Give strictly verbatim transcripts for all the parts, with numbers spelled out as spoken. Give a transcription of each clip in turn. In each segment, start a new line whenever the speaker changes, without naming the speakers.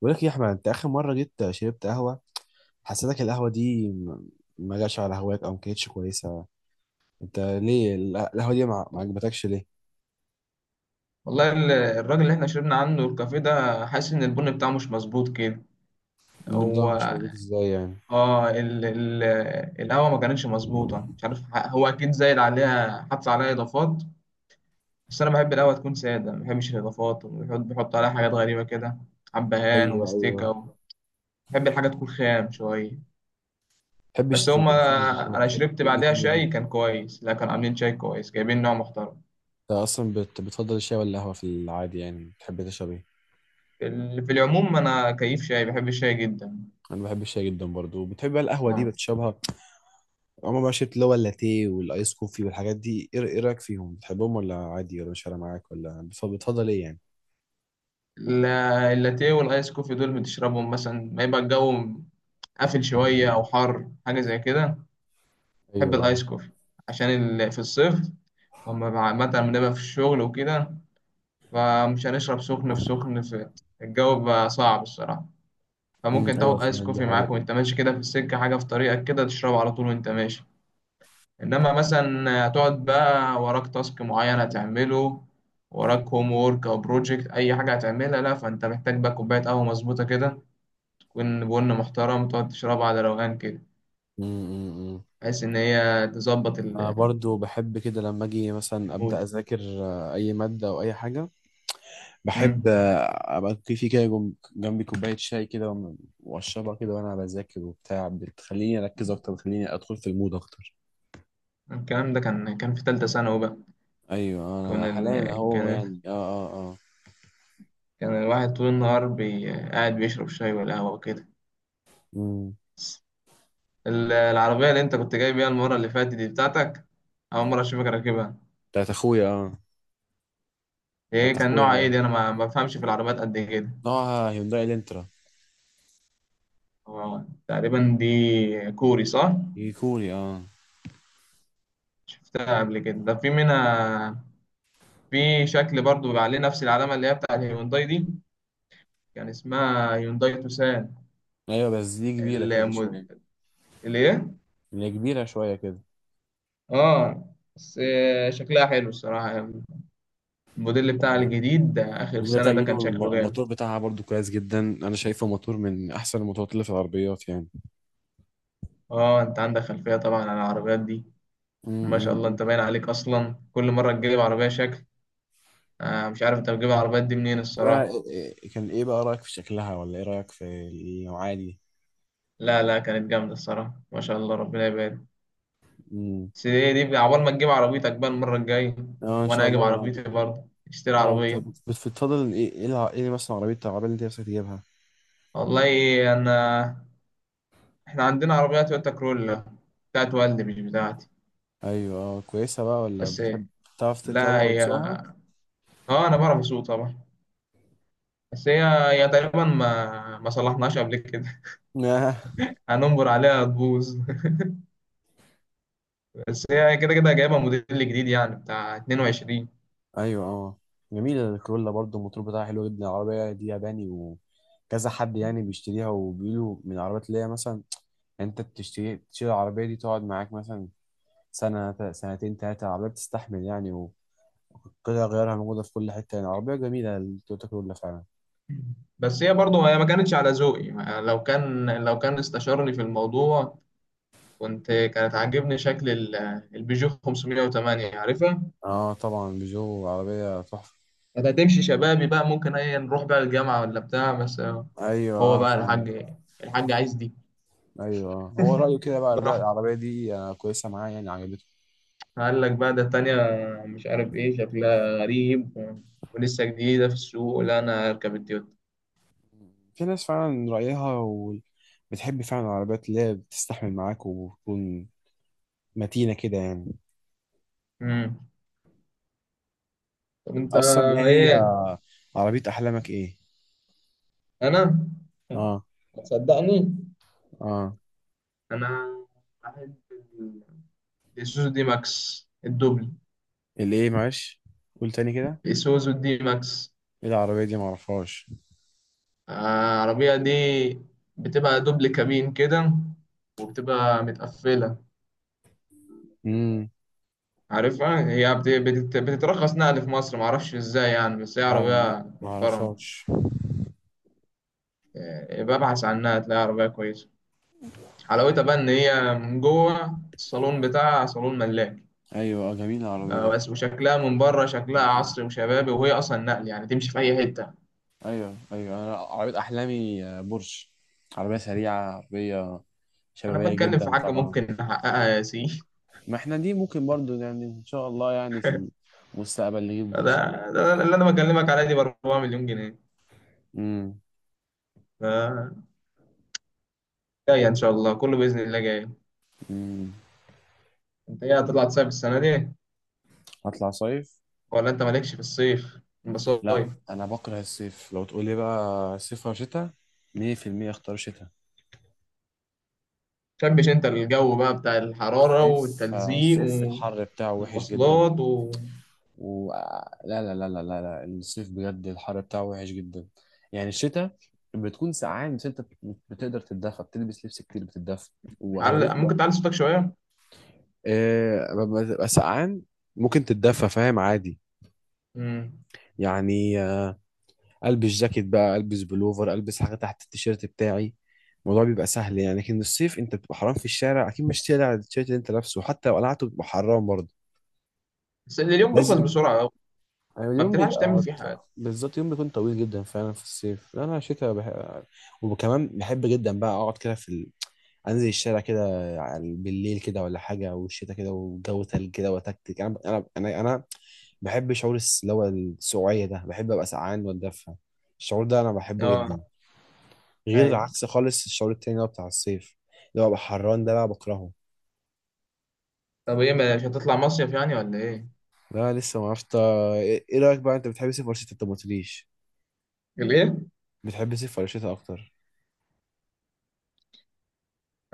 بقول لك إيه يا احمد، انت اخر مره جيت شربت قهوه؟ حسيتك القهوه دي م- ما جاتش على هواك او ما كانتش كويسه. انت ليه ال- القهوه دي ما ما عجبتكش ليه؟
والله ال- الراجل اللي احنا شربنا عنده الكافيه ده حاسس ان البن بتاعه مش مظبوط كده. هو،
النظام مش مظبوط ازاي يعني؟
اه ال ال القهوه ما كانتش مظبوطه. مش عارف، ح- هو اكيد زايد عليها، حط عليها اضافات. بس انا بحب القهوه تكون ساده، ما بحبش الاضافات، وبيحط بيحط عليها حاجات غريبه كده، حبهان
ايوه، ايوه،
ومستيكه
ما
و... بحب الحاجه تكون خام شويه.
بتحبش
بس هما.
تبقى فيه نظافة،
انا
بتحب
شربت
كل
بعدها
يكون نضيف.
شاي كان كويس، لا كانوا عاملين شاي كويس، جايبين نوع محترم.
انت اصلا بت... بتفضل الشاي ولا القهوه في العادي، يعني بتحب تشرب ايه؟
في ال- في العموم انا كيف شاي، بحب الشاي جدا.
انا بحب الشاي جدا برضو، بتحب بقى القهوه دي
آه.
بتشربها؟ عمر ما شربت اللي هو اللاتيه والايس كوفي والحاجات دي، ايه إيه رايك فيهم، بتحبهم ولا عادي ولا مش فارقه معاك، ولا بتفضل بتفضل ايه يعني؟
لا- اللاتيه والايس كوفي دول بتشربهم مثلا ما يبقى الجو قافل شوية أو حر، حاجة زي كده. بحب
ايوه،
الآيس كوفي عشان ال- في الصيف. أما بع- مثلا بنبقى في الشغل وكده، فمش هنشرب سخن في سخن في الجو بقى صعب الصراحة.
امم
فممكن
ايوه
تاخد آيس
فعلا دي
كوفي معاك
حقيقة.
وأنت ماشي كده في السكة، حاجة في طريقك كده تشربه على طول وأنت ماشي. إنما مثلا هتقعد بقى وراك تاسك معين هتعمله، وراك هوم وورك أو بروجكت، أي حاجة هتعملها، لا فأنت محتاج بقى كوباية قهوة مظبوطة كده، تكون بن محترم، تقعد تشربها على روقان كده
امم
بحيث إن هي تظبط
انا
ال-
برضو بحب كده لما اجي مثلا ابدا
المود.
اذاكر. آه، اي ماده او اي حاجه. بحب،
مم.
آه، ابقى في في كده جم- جنبي كوبايه شاي كده، وم- واشربها كده وانا بذاكر وبتاع، بتخليني اركز اكتر، بتخليني ادخل في المود اكتر.
الكلام ده كان كان في تالتة ثانوي بقى.
ايوه
كان
انا حاليا
ال...
اهو
كان
يعني، اه. اه، اه.
كان الواحد طول النهار بي... قاعد بيشرب شاي والقهوة وكده.
امم.
ال- العربية اللي أنت كنت جاي بيها المرة اللي فاتت دي بتاعتك، أول مرة أشوفك راكبها.
بتاعت اخويا، اه. بتاعت
إيه كان نوعها؟ إيه
اخويا،
دي؟ أنا ما ما بفهمش في العربيات قد كده.
نوعها هيونداي الانترا.
هو تقريبا دي كوري، صح؟
هي كوري، اه.
شفتها قبل كده، ده في منها، في شكل برضو بيبقى عليه نفس العلامة اللي هي بتاع الهيونداي دي، كان اسمها يونداي توسان.
ايوه بس دي كبيره كده
الم-
شويه.
الايه؟
هي كبيره شويه.
اه، بس آه، شكلها حلو الصراحة. الموديل
كده.
بتاعها الجديد ده آخر
الجديد
سنة
بتاع
ده
جديد،
كان شكله
والموتور
جامد.
بتاعها برضو كويس جدا. انا شايفه موتور من احسن الموتورات اللي في العربيات يعني.
اه، انت عندك خلفية طبعا عن العربيات دي. ما شاء الله،
امم.
انت باين عليك اصلا كل مرة تجيب عربية شكل. آه مش عارف انت بتجيب العربيات دي منين
بقى
الصراحة.
إيه- كان ايه بقى رايك في شكلها، ولا ايه رايك في النوعيه دي؟
لا لا، كانت جامدة الصراحة، ما شاء الله، ربنا يبارك.
امم.
بس ايه دي بقى، عقبال ما تجيب عربيتك بقى المرة الجاية،
اه ان
وانا
شاء
اجيب
الله بقى.
عربيتي برضه، اشتري
اه، انت
عربية.
بت- بت- بتفضل ايه ايه الع- إيه مثلا عربيه العربيه اللي انت نفسك تجيبها؟
والله، انا احنا عندنا عربية تويوتا كرولا، بتاعت والدي مش بتاعتي.
ايوه اه كويسه بقى، ولا
بس
بتحب
إيه،
تعرف
لا،
تركبها
هي
وتسوقها؟
اه انا بعرف اسوق طبعا. بس هي، هي تقريبا ما ما صلحناش قبل كده.
آه.
هننبر عليها تبوظ. بس هي كده كده جايبة موديل جديد يعني بتاع اتنين وعشرين.
ايوه اه جميله الكرولا برضو، الموتور بتاعها حلو جدا. العربيه دي ياباني وكذا حد يعني بيشتريها، وبيقولوا من العربيات اللي هي مثلا. انت بتشتري تشتري العربيه دي تقعد معاك مثلا سنه ت- سنتين ثلاثه، العربيه بتستحمل يعني. والقطع غيارها موجوده في كل حته، يعني عربيه جميله التويوتا كرولا فعلا.
بس هي برضه هي ما كانتش على ذوقي، ما- لو كان لو كان استشارني في الموضوع، كنت كانت عاجبني شكل ال- البيجو خمسمائة وثمانية، عارفها؟
اه طبعا، بيجو عربيه تحفه.
كانت هتمشي شبابي بقى، ممكن ايه نروح بقى الجامعة ولا بتاع، بس آه.
ايوه
هو
اه
بقى
فعلا،
الحاج، الحاج عايز دي،
ايوه، آه. هو رايه كده بقى، لا
براحته.
العربيه دي آه، كويسه معاه يعني، عجبته.
قال لك بقى، ده التانية، مش عارف ايه شكلها غريب و... ولسه جديدة في السوق، لا انا هركب التويوتا.
في ناس فعلا رايها، و... بتحب فعلا العربيات اللي هي بتستحمل معاك، وبتكون متينه كده يعني.
امم. طب انت
اصلا ايه هي
ايه؟
عربيه احلامك ايه؟
انا،
اه،
هتصدقني،
اه.
انا احب ال- الاسوزو دي ماكس الدوبل.
الايه؟ معلش، قول تاني كده.
الاسوزو دي ماكس.
ايه العربية دي، معرفهاش.
آه، العربية دي بتبقى دوبل كابين كده، وبتبقى متقفلة.
امم.
عارفها، هي بت- بتت- بتترخص نقل في مصر، معرفش ازاي يعني، بس هي
لا، لا، لا،
عربية محترمة.
معرفهاش.
إيه، ببحث عنها تلاقي عربية كويسة. حلاوتها بقى إن هي من جوه الصالون بتاعها صالون ملاك.
ايوه اه، جميلة العربية دي.
بس وشكلها من بره شكلها عصري وشبابي، وهي أصلا نقل يعني، تمشي في أي حتة.
ايوه ايوه، انا عربية احلامي آه، بورش. عربية سريعة، عربية
أنا
شبابية
بتكلم في
جدا
حاجة
طبعا.
ممكن نحققها يا سي.
ما احنا دي ممكن برضو يعني، ان شاء الله يعني في المستقبل نجيب
ده,
بورش.
ده اللي أنا بكلمك عليه دي ب اربعة مليون جنيه مليون جنيه.
امم،
ف- جاية إن شاء الله، كله بإذن الله جاي.
امم.
أنت إيه هتطلع تصيف السنة دي؟
هطلع صيف.
ولا أنت مالكش في الصيف
لا
مصايف؟
انا بكره الصيف. لو تقول لي بقى صيف او شتاء، مية في المية اختار شتاء.
شبش انت الجو بقى بتاع الحرارة
الصيف آه،
والتلزيق
الصيف الحر بتاعه وحش جدا.
والمواصلات و...
و... لا، لا، لا، لا، لا، لا، الصيف بجد الحر بتاعه وحش جدا. يعني الشتاء بتكون سقعان، بس انت بت- بتقدر تتدفى، بتلبس لبس كتير، بتتدفى واغلبيه
تعل- ممكن
الوقت.
تعلي صوتك شوية.
آه، لما تبقى سقعان ممكن تتدفى، فاهم؟ عادي
مم.
يعني. آه، البس جاكيت بقى، البس بلوفر، البس حاجه تحت التيشيرت بتاعي. الموضوع بيبقى سهل يعني. لكن الصيف انت بتبقى حرام في الشارع اكيد، مش تقلع التيشيرت اللي انت لابسه، حتى لو قلعته بتبقى حرام برضه.
بس اليوم بيخلص
لازم.
بسرعة أوي،
يعني
ما
اليوم
بتلحقش تعمل
بيبقى،
فيه حاجة.
بالظبط، يوم بيكون طويل جدا فعلا في الصيف. لا انا شتاء بح... وكمان بحب جدا بقى اقعد كده في ال... انزل الشارع كده، على- بالليل كده ولا حاجه، والشتاء كده والجو تلج كده وتكتك، انا انا انا انا بحب شعور الس- اللي هو السقوعيه ده، بحب ابقى سقعان واتدفى. الشعور ده انا بحبه جدا،
اه،
غير
ايوه.
عكس خالص الشعور التاني اللي هو بتاع الصيف، اللي هو ببقى حران ده بقى بكرهه.
طب ايه، مش هتطلع مصيف يعني ولا ايه؟
لا لسه ما عرفت ايه. إيه رايك بقى، انت بتحب الصيف ولا الشتاء؟ انت ما قلتليش.
ليه؟
بتحب الصيف ولا الشتاء اكتر؟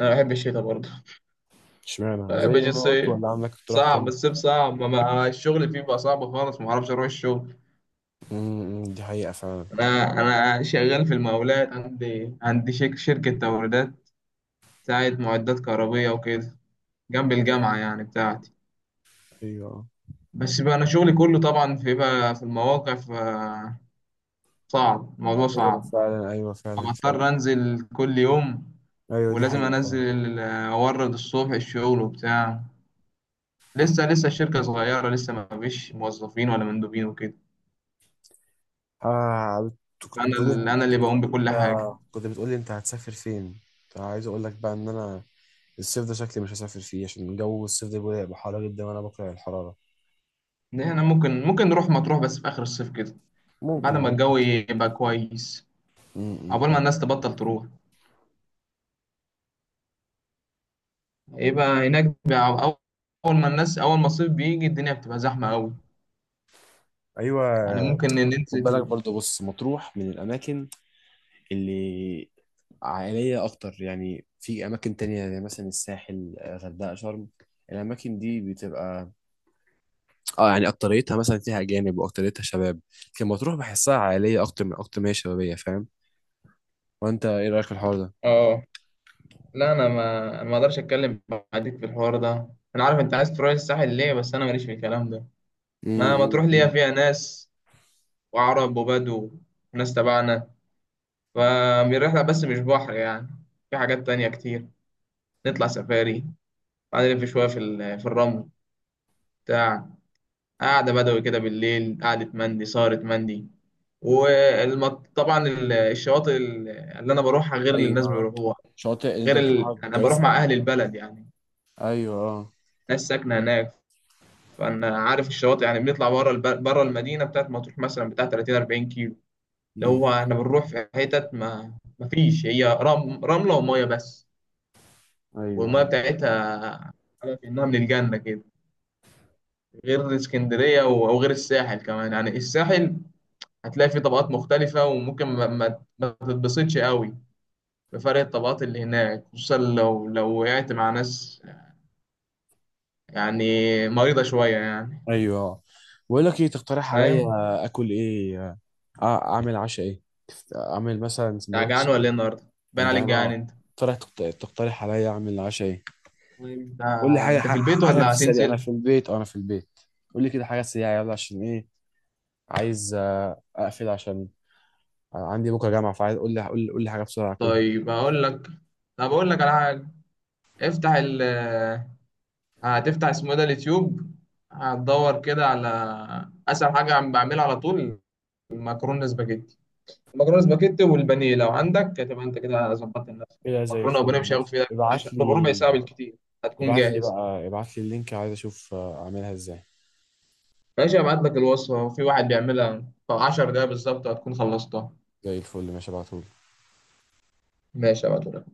انا بحب الشتا برضه.
اشمعنى،
بحب
زي ما قلت
الصيف
ولا عندك اقتراح
صعب،
تاني؟
الصيف صعب، ما ما- الشغل فيه بقى صعب خالص، ما اعرفش اروح الشغل.
امم دي حقيقة فعلا.
انا انا شغال في المقاولات، عندي عندي شك- شركة توريدات بتاعت معدات كهربية وكده، جنب الجامعة يعني بتاعتي.
ايوه،
بس بقى انا شغلي كله طبعا في بقى في المواقع، فصعب الموضوع،
ايوه
صعب.
فعلا، ايوه
أنا
فعلا، فعلا.
اضطر انزل كل يوم،
ايوه دي
ولازم
حقيقة
انزل
فعلا.
ال- اورد الصبح الشغل وبتاع. لسه لسه الشركة صغيرة، لسه ما فيش موظفين ولا مندوبين وكده،
آه. بت- كنت
فانا ال-
بتقولي
انا
كنت
اللي بقوم
بتقولي
بكل
انت،
حاجة.
كنت بتقولي انت هتسافر فين؟ كنت عايز اقول لك بقى ان انا الصيف ده شكلي مش هسافر فيه، عشان جو الصيف ده بيبقى هيبقى حر جدا، وانا بكره الحرارة.
إن احنا ممكن ممكن نروح مطروح بس في اخر الصيف كده، بعد
ممكن
ما
م-
الجو يبقى كويس،
م-
عقبال ما
م.
الناس تبطل تروح، يبقى هناك بقى. اول ما الناس اول ما الصيف بيجي الدنيا بتبقى زحمة قوي، يعني
ايوه.
ممكن
خد بالك
ننزل.
برضو، بص مطروح من الاماكن اللي عائلية أكتر، يعني في أماكن تانية زي مثلا الساحل، آه، غردقة، شرم. الأماكن دي بتبقى، اه، يعني أكتريتها مثلا فيها أجانب، وأكتريتها شباب. لكن مطروح بحسها عائلية أكتر، من أكتر ما هي شبابية، فاهم؟ وأنت إيه رأيك في الحوار ده؟
اه. لا، انا ما أنا ما اقدرش اتكلم معاك في الحوار ده. انا عارف انت عايز تروح الساحل ليه، بس انا ماليش في الكلام ده.
امم،
ما ما تروح ليها،
امم.
فيها ناس وعرب وبدو وناس تبعنا. فالرحله بس مش بحر يعني، في حاجات تانية كتير. نطلع سفاري، بعدين نلف شويه في ال- في الرمل بتاع، قعده بدوي كده بالليل، قعده مندي، سهره مندي، وطبعا الشواطئ ال- اللي انا بروحها غير اللي الناس
أيوه.
بيروحوها.
شاطئ اللي أنت
غير ال...
بتروحها
انا بروح
كويسة
مع
ولا
اهل
لأ؟
البلد يعني،
أيوه، أه.
ناس ساكنه هناك، فانا عارف الشواطئ يعني. بنطلع بره الب... بره المدينه بتاعت مطروح مثلا بتاع تلاتين اربعين كيلو، اللي
أمم.
هو احنا بنروح في حتت ما ما فيش، هي رم... رمله وميه بس. والميه
أيوه،
بتاعتها على كأنها من الجنة كده. غير اسكندرية و- أو غير الساحل كمان يعني، الساحل هتلاقي فيه طبقات مختلفة، وممكن ما, ما, ما تتبسطش قوي بفرق الطبقات اللي هناك، خصوصا لو لو وقعت مع ناس يعني مريضة شوية يعني.
أيوه، بقول لك إيه، تقترح عليا
فاهم؟
آكل إيه؟ آه، أعمل عشاء إيه؟ اعمل مثلا
أنت جعان
سندوتش.
ولا إيه النهاردة؟ باين
انا
عليك
جعان
جعان
اه.
أنت.
ترى تقت- تقترح عليا اعمل عشاء ايه؟
طيب،
قول لي
آه،
حاجه،
انت
ح-
في البيت
حاجه في
ولا
السريع، انا
هتنزل؟
في البيت او انا في البيت. قول لي كده حاجه سريعه يلا، عشان ايه، عايز آه، اقفل، عشان عندي بكره جامعه، فعايز، قول لي قول لي قول لي حاجه بسرعه اكلها.
طيب اقول لك طب اقول لك على حاجه. افتح ال آه، هتفتح اسمه ايه ده، اليوتيوب. هتدور كده على اسهل حاجه عم بعملها على طول، المكرونه سباجيتي. المكرونه سباجيتي والبانيه، لو عندك هتبقى انت كده ظبطت نفسك،
كده
يعني
زي
مكرونه
الفل
وبانيه مش هياخد
ماشي.
فيها
ابعت
عشرة، ربع ساعه
لي.
بالكتير هتكون
ابعت لي
جاهز.
بقى ابعت لي اللينك، عايز اشوف آه، اعملها ازاي.
ماشي، هبعت لك الوصفه، في واحد بيعملها في 10 دقايق بالظبط هتكون خلصتها.
زي الفل ماشي، ابعته.
ماشي، هبعت.